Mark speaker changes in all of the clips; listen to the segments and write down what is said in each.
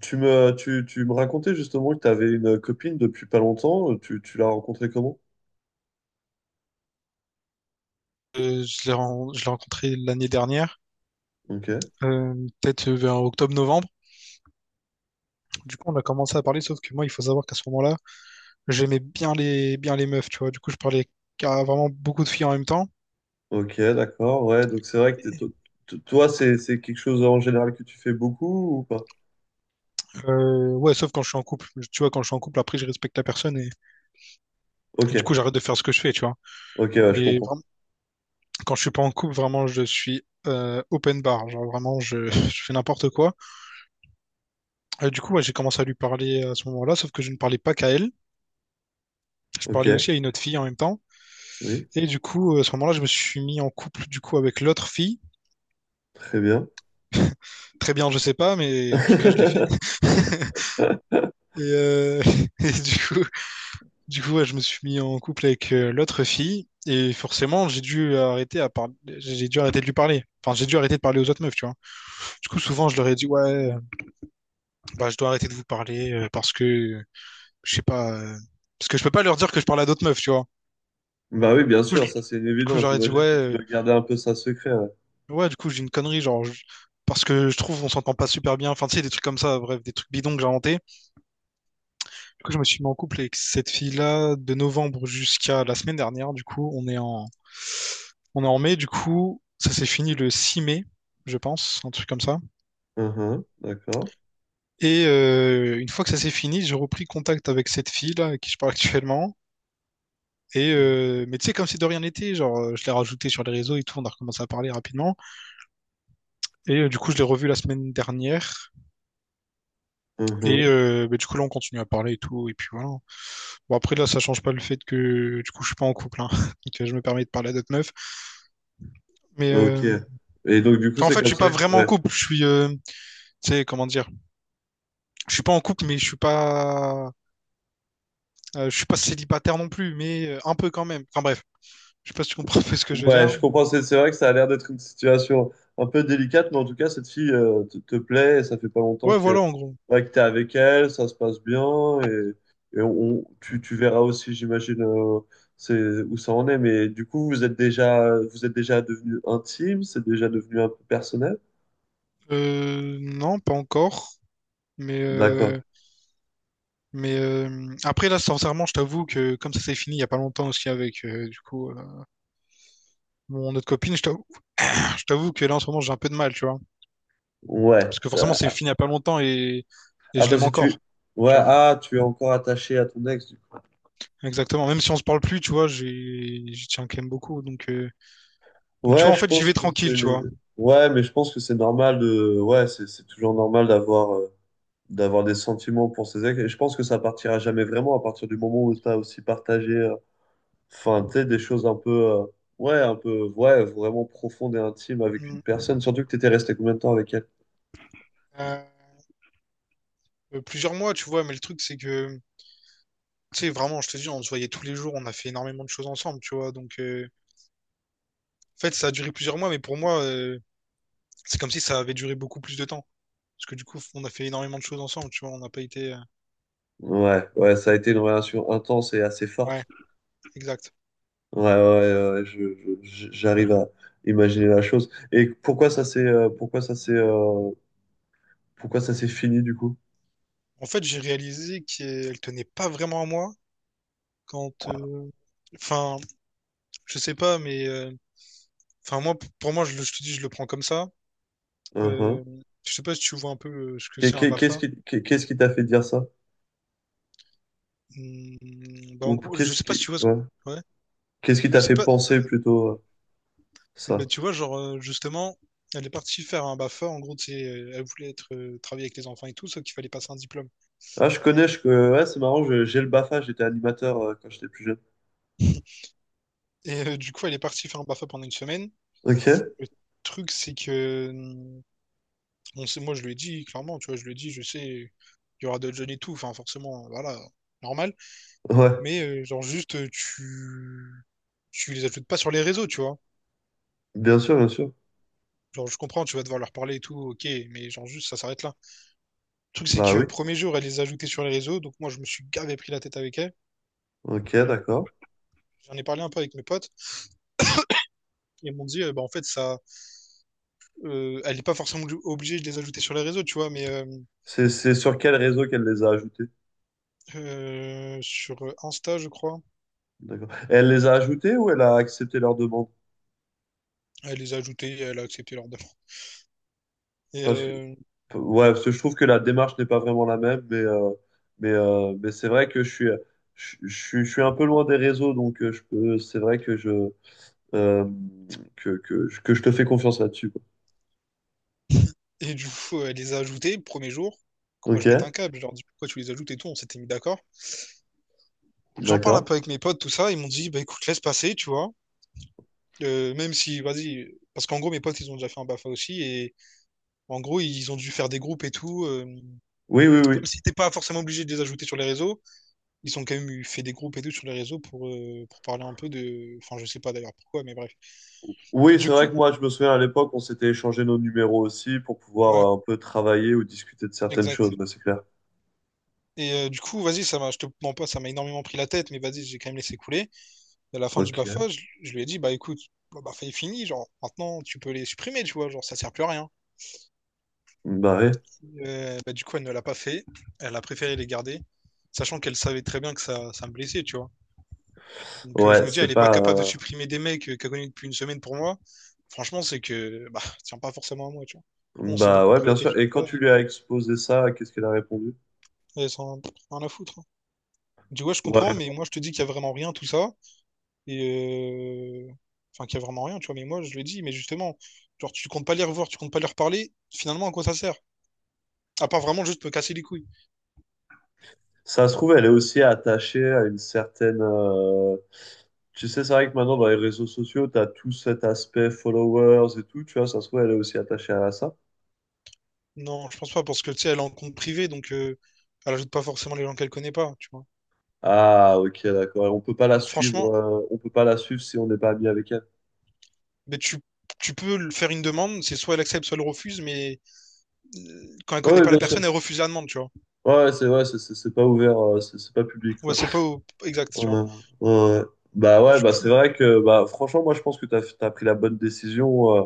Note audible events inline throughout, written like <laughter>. Speaker 1: Tu me racontais justement que tu avais une copine depuis pas longtemps. Tu l'as rencontrée comment?
Speaker 2: Je l'ai rencontré l'année dernière,
Speaker 1: Ok,
Speaker 2: euh, peut-être vers octobre-novembre. Du coup, on a commencé à parler, sauf que moi, il faut savoir qu'à ce moment-là, j'aimais bien les meufs, tu vois. Du coup, je parlais à vraiment beaucoup de filles en même temps.
Speaker 1: ok, d'accord. Ouais, donc c'est vrai que toi, c'est quelque chose en général que tu fais beaucoup ou pas?
Speaker 2: Ouais, sauf quand je suis en couple. Tu vois, quand je suis en couple, après, je respecte la personne et du
Speaker 1: Ok,
Speaker 2: coup, j'arrête de faire ce que je fais, tu vois.
Speaker 1: ok, ouais, je
Speaker 2: Mais
Speaker 1: comprends.
Speaker 2: vraiment, quand je suis pas en couple, vraiment, je suis open bar. Genre, vraiment, je, <laughs> je fais n'importe quoi. Du coup, ouais, j'ai commencé à lui parler à ce moment-là, sauf que je ne parlais pas qu'à elle. Je parlais
Speaker 1: Ok,
Speaker 2: aussi à une autre fille en même temps.
Speaker 1: oui,
Speaker 2: Et du coup, à ce moment-là, je me suis mis en couple du coup avec l'autre fille.
Speaker 1: très bien.
Speaker 2: Très bien, je sais pas, mais en tout cas, je l'ai fait.
Speaker 1: <laughs>
Speaker 2: <laughs> Et, <laughs> et du coup, ouais, je me suis mis en couple avec l'autre fille. Et forcément, j'ai dû arrêter à parler, j'ai dû arrêter de lui parler. Enfin, j'ai dû arrêter de parler aux autres meufs, tu vois. Du coup, souvent, je leur ai dit, ouais, bah, je dois arrêter de vous parler parce que, je sais pas, parce que je peux pas leur dire que je parle à d'autres meufs, tu vois.
Speaker 1: Bah oui, bien sûr, ça c'est
Speaker 2: Du coup,
Speaker 1: évident.
Speaker 2: j'aurais dit, ouais,
Speaker 1: J'imagine que tu dois garder un peu ça secret. Ouais.
Speaker 2: ouais, du coup, j'ai une connerie, genre. Parce que je trouve on s'entend pas super bien. Enfin, tu sais, des trucs comme ça, bref, des trucs bidons que j'ai inventés. Du coup, je me suis mis en couple avec cette fille-là de novembre jusqu'à la semaine dernière. Du coup, on est en mai. Du coup, ça s'est fini le 6 mai, je pense, un truc comme ça.
Speaker 1: Mhm, d'accord.
Speaker 2: Et une fois que ça s'est fini, j'ai repris contact avec cette fille-là avec qui je parle actuellement. Et mais tu sais, comme si de rien n'était, genre, je l'ai rajoutée sur les réseaux et tout, on a recommencé à parler rapidement. Et du coup, je l'ai revue la semaine dernière. Et
Speaker 1: Mhm,
Speaker 2: bah, du coup, là, on continue à parler et tout. Et puis voilà. Bon, après, là, ça change pas le fait que, du coup, je suis pas en couple. Hein. <laughs> Donc, je me permets de parler à d'autres meufs. Mais
Speaker 1: ok.
Speaker 2: euh,
Speaker 1: Et donc, du coup,
Speaker 2: enfin, en
Speaker 1: c'est
Speaker 2: fait, je
Speaker 1: comme
Speaker 2: suis pas
Speaker 1: ça.
Speaker 2: vraiment en
Speaker 1: Ouais.
Speaker 2: couple. Je suis, tu sais, comment dire. Je suis pas en couple, mais je suis pas célibataire non plus, mais un peu quand même. Enfin, bref. Je sais pas si tu comprends <laughs> un peu ce que je veux
Speaker 1: Ouais,
Speaker 2: dire.
Speaker 1: je comprends. C'est vrai que ça a l'air d'être une situation un peu délicate, mais en tout cas, cette fille te plaît et ça fait pas longtemps
Speaker 2: Ouais,
Speaker 1: que,
Speaker 2: voilà, en gros.
Speaker 1: ouais, que t'es avec elle, ça se passe bien et tu verras aussi, j'imagine, c'est, où ça en est. Mais du coup, vous êtes déjà devenu intime, c'est déjà devenu un peu personnel.
Speaker 2: Non, pas encore. Mais,
Speaker 1: D'accord.
Speaker 2: euh, après, là, sincèrement, je t'avoue que comme ça s'est fini il y a pas longtemps aussi avec, du coup, mon autre copine, je t'avoue. Je t'avoue que là, en ce moment, j'ai un peu de mal, tu vois.
Speaker 1: Ouais,
Speaker 2: Parce que forcément, c'est
Speaker 1: ça.
Speaker 2: fini il y a pas longtemps et
Speaker 1: Ah,
Speaker 2: je l'aime
Speaker 1: parce que tu.
Speaker 2: encore,
Speaker 1: Ouais,
Speaker 2: tu vois.
Speaker 1: ah, tu es encore attaché à ton ex, du coup.
Speaker 2: Exactement. Même si on se parle plus, tu vois, j'y tiens quand même beaucoup. Donc, tu vois,
Speaker 1: Ouais,
Speaker 2: en
Speaker 1: je
Speaker 2: fait, j'y
Speaker 1: pense
Speaker 2: vais
Speaker 1: que
Speaker 2: tranquille, tu
Speaker 1: c'est.
Speaker 2: vois.
Speaker 1: Ouais, mais je pense que c'est normal de. Ouais, c'est toujours normal d'avoir. D'avoir des sentiments pour ses ex. Et je pense que ça partira jamais vraiment à partir du moment où tu as aussi partagé, enfin, tu sais, des choses un peu, ouais, un peu, ouais, vraiment profondes et intimes avec une
Speaker 2: Mm.
Speaker 1: personne. Surtout que tu étais resté combien de temps avec elle?
Speaker 2: Euh, Plusieurs mois, tu vois, mais le truc, c'est que tu sais, vraiment, je te dis, on se voyait tous les jours, on a fait énormément de choses ensemble, tu vois. Donc, en fait, ça a duré plusieurs mois, mais pour moi, c'est comme si ça avait duré beaucoup plus de temps. Parce que du coup, on a fait énormément de choses ensemble, tu vois. On n'a pas été.
Speaker 1: Ouais, ouais, ça a été une relation intense et assez
Speaker 2: Ouais,
Speaker 1: forte.
Speaker 2: exact.
Speaker 1: Ouais, ouais, ouais, ouais, j'arrive à imaginer la chose. Et pourquoi ça s'est, pourquoi ça s'est, pourquoi ça s'est fini du coup?
Speaker 2: En fait, j'ai réalisé qu'elle tenait pas vraiment à moi quand. Enfin, je sais pas, mais enfin, moi, pour moi, je te dis, je le prends comme ça.
Speaker 1: Uhum.
Speaker 2: Euh, je sais pas si tu vois un peu ce que
Speaker 1: Qu'est-
Speaker 2: c'est un
Speaker 1: qu'est- Qu'est-ce
Speaker 2: BAFA.
Speaker 1: qui, qu'est- qu'est-ce qui t'a fait dire ça?
Speaker 2: Hmm, bah, en
Speaker 1: Ou
Speaker 2: gros, je
Speaker 1: qu'est-ce
Speaker 2: sais pas
Speaker 1: qui,
Speaker 2: si tu vois ce.
Speaker 1: ouais.
Speaker 2: Ouais.
Speaker 1: Qu'est-ce qui
Speaker 2: Je
Speaker 1: t'a
Speaker 2: sais
Speaker 1: fait
Speaker 2: pas.
Speaker 1: penser plutôt
Speaker 2: Et ben,
Speaker 1: ça?
Speaker 2: tu vois, genre, justement, elle est partie faire un BAFA. En gros, tu sais, elle voulait être, travailler avec les enfants et tout, sauf qu'il fallait passer un diplôme.
Speaker 1: Ah, je connais, ouais, c'est marrant, j'ai le BAFA, j'étais animateur quand j'étais plus jeune.
Speaker 2: Et du coup, elle est partie faire un BAFA pendant une semaine.
Speaker 1: Ok,
Speaker 2: Le truc, c'est que, bon, c'est, moi, je lui ai dit, clairement, tu vois, je lui ai dit, je sais, il y aura d'autres jeunes et tout. Enfin, forcément, voilà, normal.
Speaker 1: ouais,
Speaker 2: Mais genre, juste, tu, tu les ajoutes pas sur les réseaux, tu vois.
Speaker 1: bien sûr, bien sûr.
Speaker 2: Genre, je comprends, tu vas devoir leur parler et tout, ok, mais genre, juste, ça s'arrête là. Le truc, c'est
Speaker 1: Bah
Speaker 2: que,
Speaker 1: oui,
Speaker 2: premier jour, elle les a ajoutés sur les réseaux. Donc, moi, je me suis gavé pris la tête avec elle.
Speaker 1: ok, d'accord.
Speaker 2: J'en ai parlé un peu avec mes potes. Ils m'ont dit, bah, en fait, ça, elle n'est pas forcément obligée de les ajouter sur les réseaux, tu vois, mais euh,
Speaker 1: C'est sur quel réseau qu'elle les a ajoutés?
Speaker 2: euh, sur Insta, je crois,
Speaker 1: D'accord. Elle les a ajoutés ou elle a accepté leur demande?
Speaker 2: elle les a ajoutés, elle a accepté leur demande. Et,
Speaker 1: Parce que,
Speaker 2: euh,
Speaker 1: ouais, parce que je trouve que la démarche n'est pas vraiment la même, mais c'est vrai que je suis un peu loin des réseaux, donc je peux, c'est vrai que euh, que je te fais confiance là-dessus, quoi.
Speaker 2: et du coup, elle les a ajoutés le premier jour. Moi,
Speaker 1: Ok,
Speaker 2: je pète un câble, je leur dis pourquoi tu les ajoutes et tout, on s'était mis d'accord. J'en parle un
Speaker 1: d'accord.
Speaker 2: peu avec mes potes, tout ça, ils m'ont dit, bah écoute, laisse passer, tu vois. Même si, vas-y, parce qu'en gros, mes potes, ils ont déjà fait un BAFA aussi, et en gros, ils ont dû faire des groupes et tout,
Speaker 1: Oui, oui,
Speaker 2: même
Speaker 1: oui.
Speaker 2: si t'es pas forcément obligé de les ajouter sur les réseaux, ils ont quand même eu fait des groupes et tout sur les réseaux pour parler un peu de. Enfin, je sais pas d'ailleurs pourquoi, mais bref. Et
Speaker 1: Oui, c'est
Speaker 2: du
Speaker 1: vrai
Speaker 2: coup,
Speaker 1: que moi, je me souviens à l'époque, on s'était échangé nos numéros aussi pour
Speaker 2: ouais,
Speaker 1: pouvoir un peu travailler ou discuter de certaines choses,
Speaker 2: exact.
Speaker 1: ouais, c'est clair.
Speaker 2: Et du coup, vas-y, je te mens pas, ça m'a énormément pris la tête, mais vas-y, j'ai quand même laissé couler. Et à la fin du
Speaker 1: Ok.
Speaker 2: BAFA, je lui ai dit, bah écoute, bah, est fini, genre, maintenant, tu peux les supprimer, tu vois, genre, ça sert plus à rien.
Speaker 1: Bah ouais,
Speaker 2: Bah, du coup, elle ne l'a pas fait, elle a préféré les garder, sachant qu'elle savait très bien que ça me blessait, tu vois. Donc je
Speaker 1: ouais,
Speaker 2: me dis, elle
Speaker 1: c'est
Speaker 2: n'est pas
Speaker 1: pas.
Speaker 2: capable de supprimer des mecs qu'elle connaît depuis une semaine pour moi. Franchement, c'est que bah, ça tient pas forcément à moi, tu vois. On s'est
Speaker 1: Bah
Speaker 2: beaucoup
Speaker 1: ouais,
Speaker 2: pris
Speaker 1: bien
Speaker 2: la tête
Speaker 1: sûr.
Speaker 2: sur
Speaker 1: Et
Speaker 2: ça
Speaker 1: quand tu lui
Speaker 2: et
Speaker 1: as exposé ça, qu'est-ce qu'elle a répondu?
Speaker 2: elle s'en a rien à foutre, hein. Je dis, ouais, je
Speaker 1: Ouais.
Speaker 2: comprends, mais moi je te dis qu'il y a vraiment rien, tout ça. Et euh, Enfin, qu'il y a vraiment rien, tu vois. Mais moi, je le dis, mais justement, genre, tu comptes pas les revoir, tu comptes pas leur parler, finalement, à quoi ça sert? À part vraiment juste me casser les couilles.
Speaker 1: Ça se trouve, elle est aussi attachée à une certaine. Tu sais, c'est vrai que maintenant, dans les réseaux sociaux, tu as tout cet aspect followers et tout, tu vois, ça se trouve, elle est aussi attachée à ça.
Speaker 2: Non, je pense pas, parce que tu sais, elle est en compte privé, donc elle ajoute pas forcément les gens qu'elle connaît pas, tu vois.
Speaker 1: Ah, ok, d'accord. Et on peut pas la
Speaker 2: Donc
Speaker 1: suivre,
Speaker 2: franchement,
Speaker 1: on peut pas la suivre si on n'est pas ami avec elle.
Speaker 2: mais faire une demande, c'est soit elle accepte, soit elle refuse, mais quand elle connaît
Speaker 1: Oui,
Speaker 2: pas la
Speaker 1: bien sûr.
Speaker 2: personne, elle refuse la demande, tu vois.
Speaker 1: Ouais, c'est ouais, c'est pas ouvert, c'est pas public,
Speaker 2: Ouais,
Speaker 1: quoi.
Speaker 2: c'est pas au- Exact, tu vois.
Speaker 1: Ouais, ouais. Bah ouais,
Speaker 2: Du
Speaker 1: bah c'est
Speaker 2: coup,
Speaker 1: vrai que bah franchement, moi je pense que t'as pris la bonne décision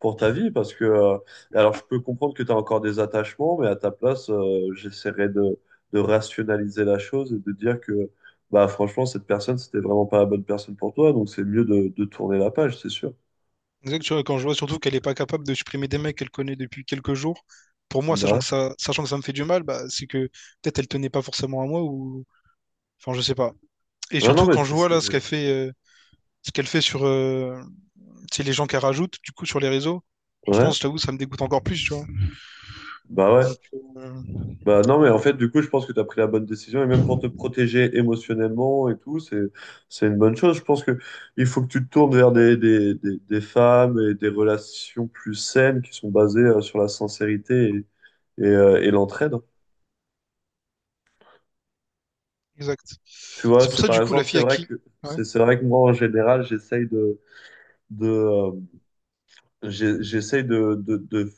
Speaker 1: pour ta vie parce que alors je peux comprendre que t'as encore des attachements, mais à ta place, j'essaierais de rationaliser la chose et de dire que bah franchement cette personne c'était vraiment pas la bonne personne pour toi, donc c'est mieux de tourner la page, c'est sûr.
Speaker 2: exact, tu vois, quand je vois surtout qu'elle est pas capable de supprimer des mecs qu'elle connaît depuis quelques jours, pour moi,
Speaker 1: Bah ouais.
Speaker 2: sachant que ça me fait du mal, bah, c'est que peut-être elle tenait pas forcément à moi ou, enfin, je sais pas. Et
Speaker 1: Ouais, non
Speaker 2: surtout
Speaker 1: mais
Speaker 2: quand je vois là ce qu'elle fait sur, tu sais, les gens qu'elle rajoute, du coup, sur les réseaux, franchement,
Speaker 1: ouais,
Speaker 2: je t'avoue, ça me dégoûte encore plus, tu vois.
Speaker 1: ouais.
Speaker 2: Donc, euh,
Speaker 1: Bah non,
Speaker 2: donc
Speaker 1: mais en
Speaker 2: voilà.
Speaker 1: fait, du coup, je pense que tu as pris la bonne décision, et même pour te protéger émotionnellement et tout, c'est une bonne chose. Je pense que il faut que tu te tournes vers des femmes et des relations plus saines qui sont basées sur la sincérité et l'entraide.
Speaker 2: Exact.
Speaker 1: Tu vois,
Speaker 2: C'est pour
Speaker 1: c'est
Speaker 2: ça,
Speaker 1: par
Speaker 2: du coup, la
Speaker 1: exemple,
Speaker 2: fille à qui? Ouais.
Speaker 1: c'est vrai que moi, en général, de, euh, j'essaye de,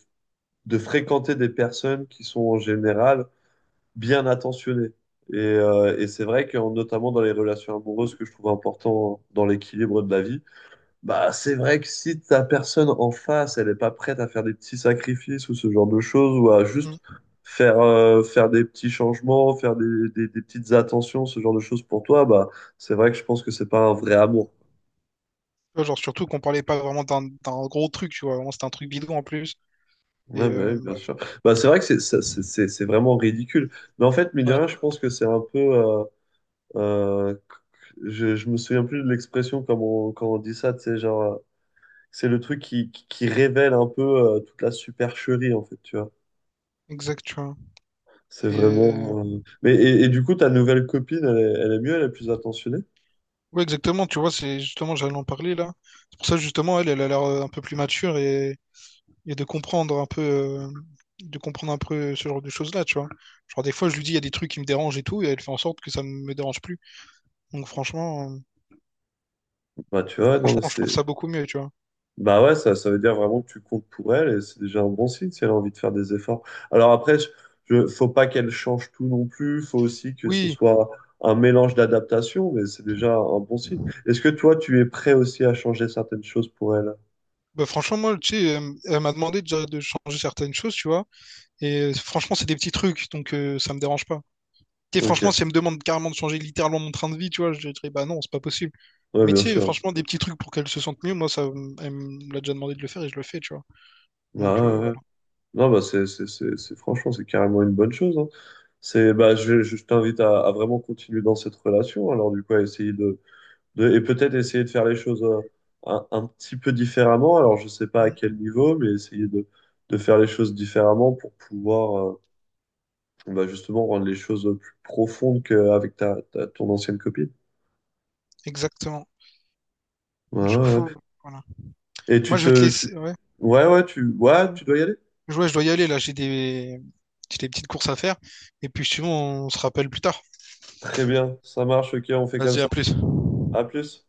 Speaker 1: de fréquenter des personnes qui sont en général bien attentionné. Et c'est vrai que notamment dans les relations amoureuses, que je trouve important dans l'équilibre de la vie, bah c'est vrai que si ta personne en face, elle n'est pas prête à faire des petits sacrifices ou ce genre de choses, ou à
Speaker 2: Mm.
Speaker 1: juste
Speaker 2: Tu
Speaker 1: faire, faire des petits changements, faire des petites attentions, ce genre de choses pour toi, bah c'est vrai que je pense que c'est pas un vrai amour.
Speaker 2: vois, genre, surtout qu'on parlait pas vraiment d'un gros truc, tu vois. Vraiment, c'était un truc bidon en plus. Et
Speaker 1: Ouais, mais oui, bien
Speaker 2: bref.
Speaker 1: sûr. Bah, c'est vrai que c'est ça- c'est vraiment ridicule. Mais en fait, mine de
Speaker 2: Ouais.
Speaker 1: rien, je pense que c'est un peu. Euh, je me souviens plus de l'expression comme on, quand on dit ça, tu sais, genre, c'est le truc qui révèle un peu toute la supercherie, en fait, tu vois.
Speaker 2: Exact, tu vois.
Speaker 1: C'est
Speaker 2: Et
Speaker 1: vraiment. Mais, et du coup, ta nouvelle copine, elle est mieux, elle est plus attentionnée.
Speaker 2: ouais, exactement, tu vois, c'est justement, j'allais en parler là. C'est pour ça, justement, elle, elle a l'air un peu plus mature et et de comprendre un peu, euh, de comprendre un peu ce genre de choses-là, tu vois. Genre des fois, je lui dis, il y a des trucs qui me dérangent et tout, et elle fait en sorte que ça ne me dérange plus. Donc
Speaker 1: Bah, tu vois, non, mais
Speaker 2: franchement, je
Speaker 1: c'est.
Speaker 2: trouve ça beaucoup mieux, tu vois.
Speaker 1: Bah ouais, ça veut dire vraiment que tu comptes pour elle et c'est déjà un bon signe si elle a envie de faire des efforts. Alors après, faut pas qu'elle change tout non plus, faut aussi que ce
Speaker 2: Oui,
Speaker 1: soit un mélange d'adaptation, mais c'est déjà un bon signe. Est-ce que toi, tu es prêt aussi à changer certaines choses pour elle?
Speaker 2: bah franchement, moi, tu sais, elle m'a demandé déjà de changer certaines choses, tu vois. Et franchement, c'est des petits trucs, donc ça me dérange pas. Tu sais, franchement,
Speaker 1: Ok,
Speaker 2: si elle me demande carrément de changer littéralement mon train de vie, tu vois, je dirais, bah non, c'est pas possible.
Speaker 1: ouais,
Speaker 2: Mais
Speaker 1: bien
Speaker 2: tu sais,
Speaker 1: sûr.
Speaker 2: franchement, des petits trucs pour qu'elle se sente mieux, moi, elle me l'a déjà demandé de le faire et je le fais, tu vois.
Speaker 1: Bah
Speaker 2: Donc
Speaker 1: ouais, ouais. Ouais.
Speaker 2: voilà.
Speaker 1: Non, bah franchement, c'est carrément une bonne chose, hein. C'est, bah, je t'invite à vraiment continuer dans cette relation, alors du coup, à essayer de et peut-être essayer de faire les choses un petit peu différemment. Alors, je ne sais pas à quel
Speaker 2: Mm,
Speaker 1: niveau, mais essayer de faire les choses différemment pour pouvoir bah, justement rendre les choses plus profondes qu'avec ton ancienne copine.
Speaker 2: exactement.
Speaker 1: Ouais,
Speaker 2: Du
Speaker 1: ouais, ouais.
Speaker 2: coup, voilà.
Speaker 1: Et
Speaker 2: Moi,
Speaker 1: tu
Speaker 2: je vais te
Speaker 1: te... Tu...
Speaker 2: laisser. Ouais.
Speaker 1: Ouais, ouais, tu... Ouais,
Speaker 2: Ouais,
Speaker 1: tu dois y aller.
Speaker 2: ouais, je dois y aller là. J'ai des petites courses à faire. Et puis, sinon, on se rappelle plus tard.
Speaker 1: Très bien, ça marche, ok, on fait comme
Speaker 2: Vas-y, à
Speaker 1: ça.
Speaker 2: plus.
Speaker 1: À plus.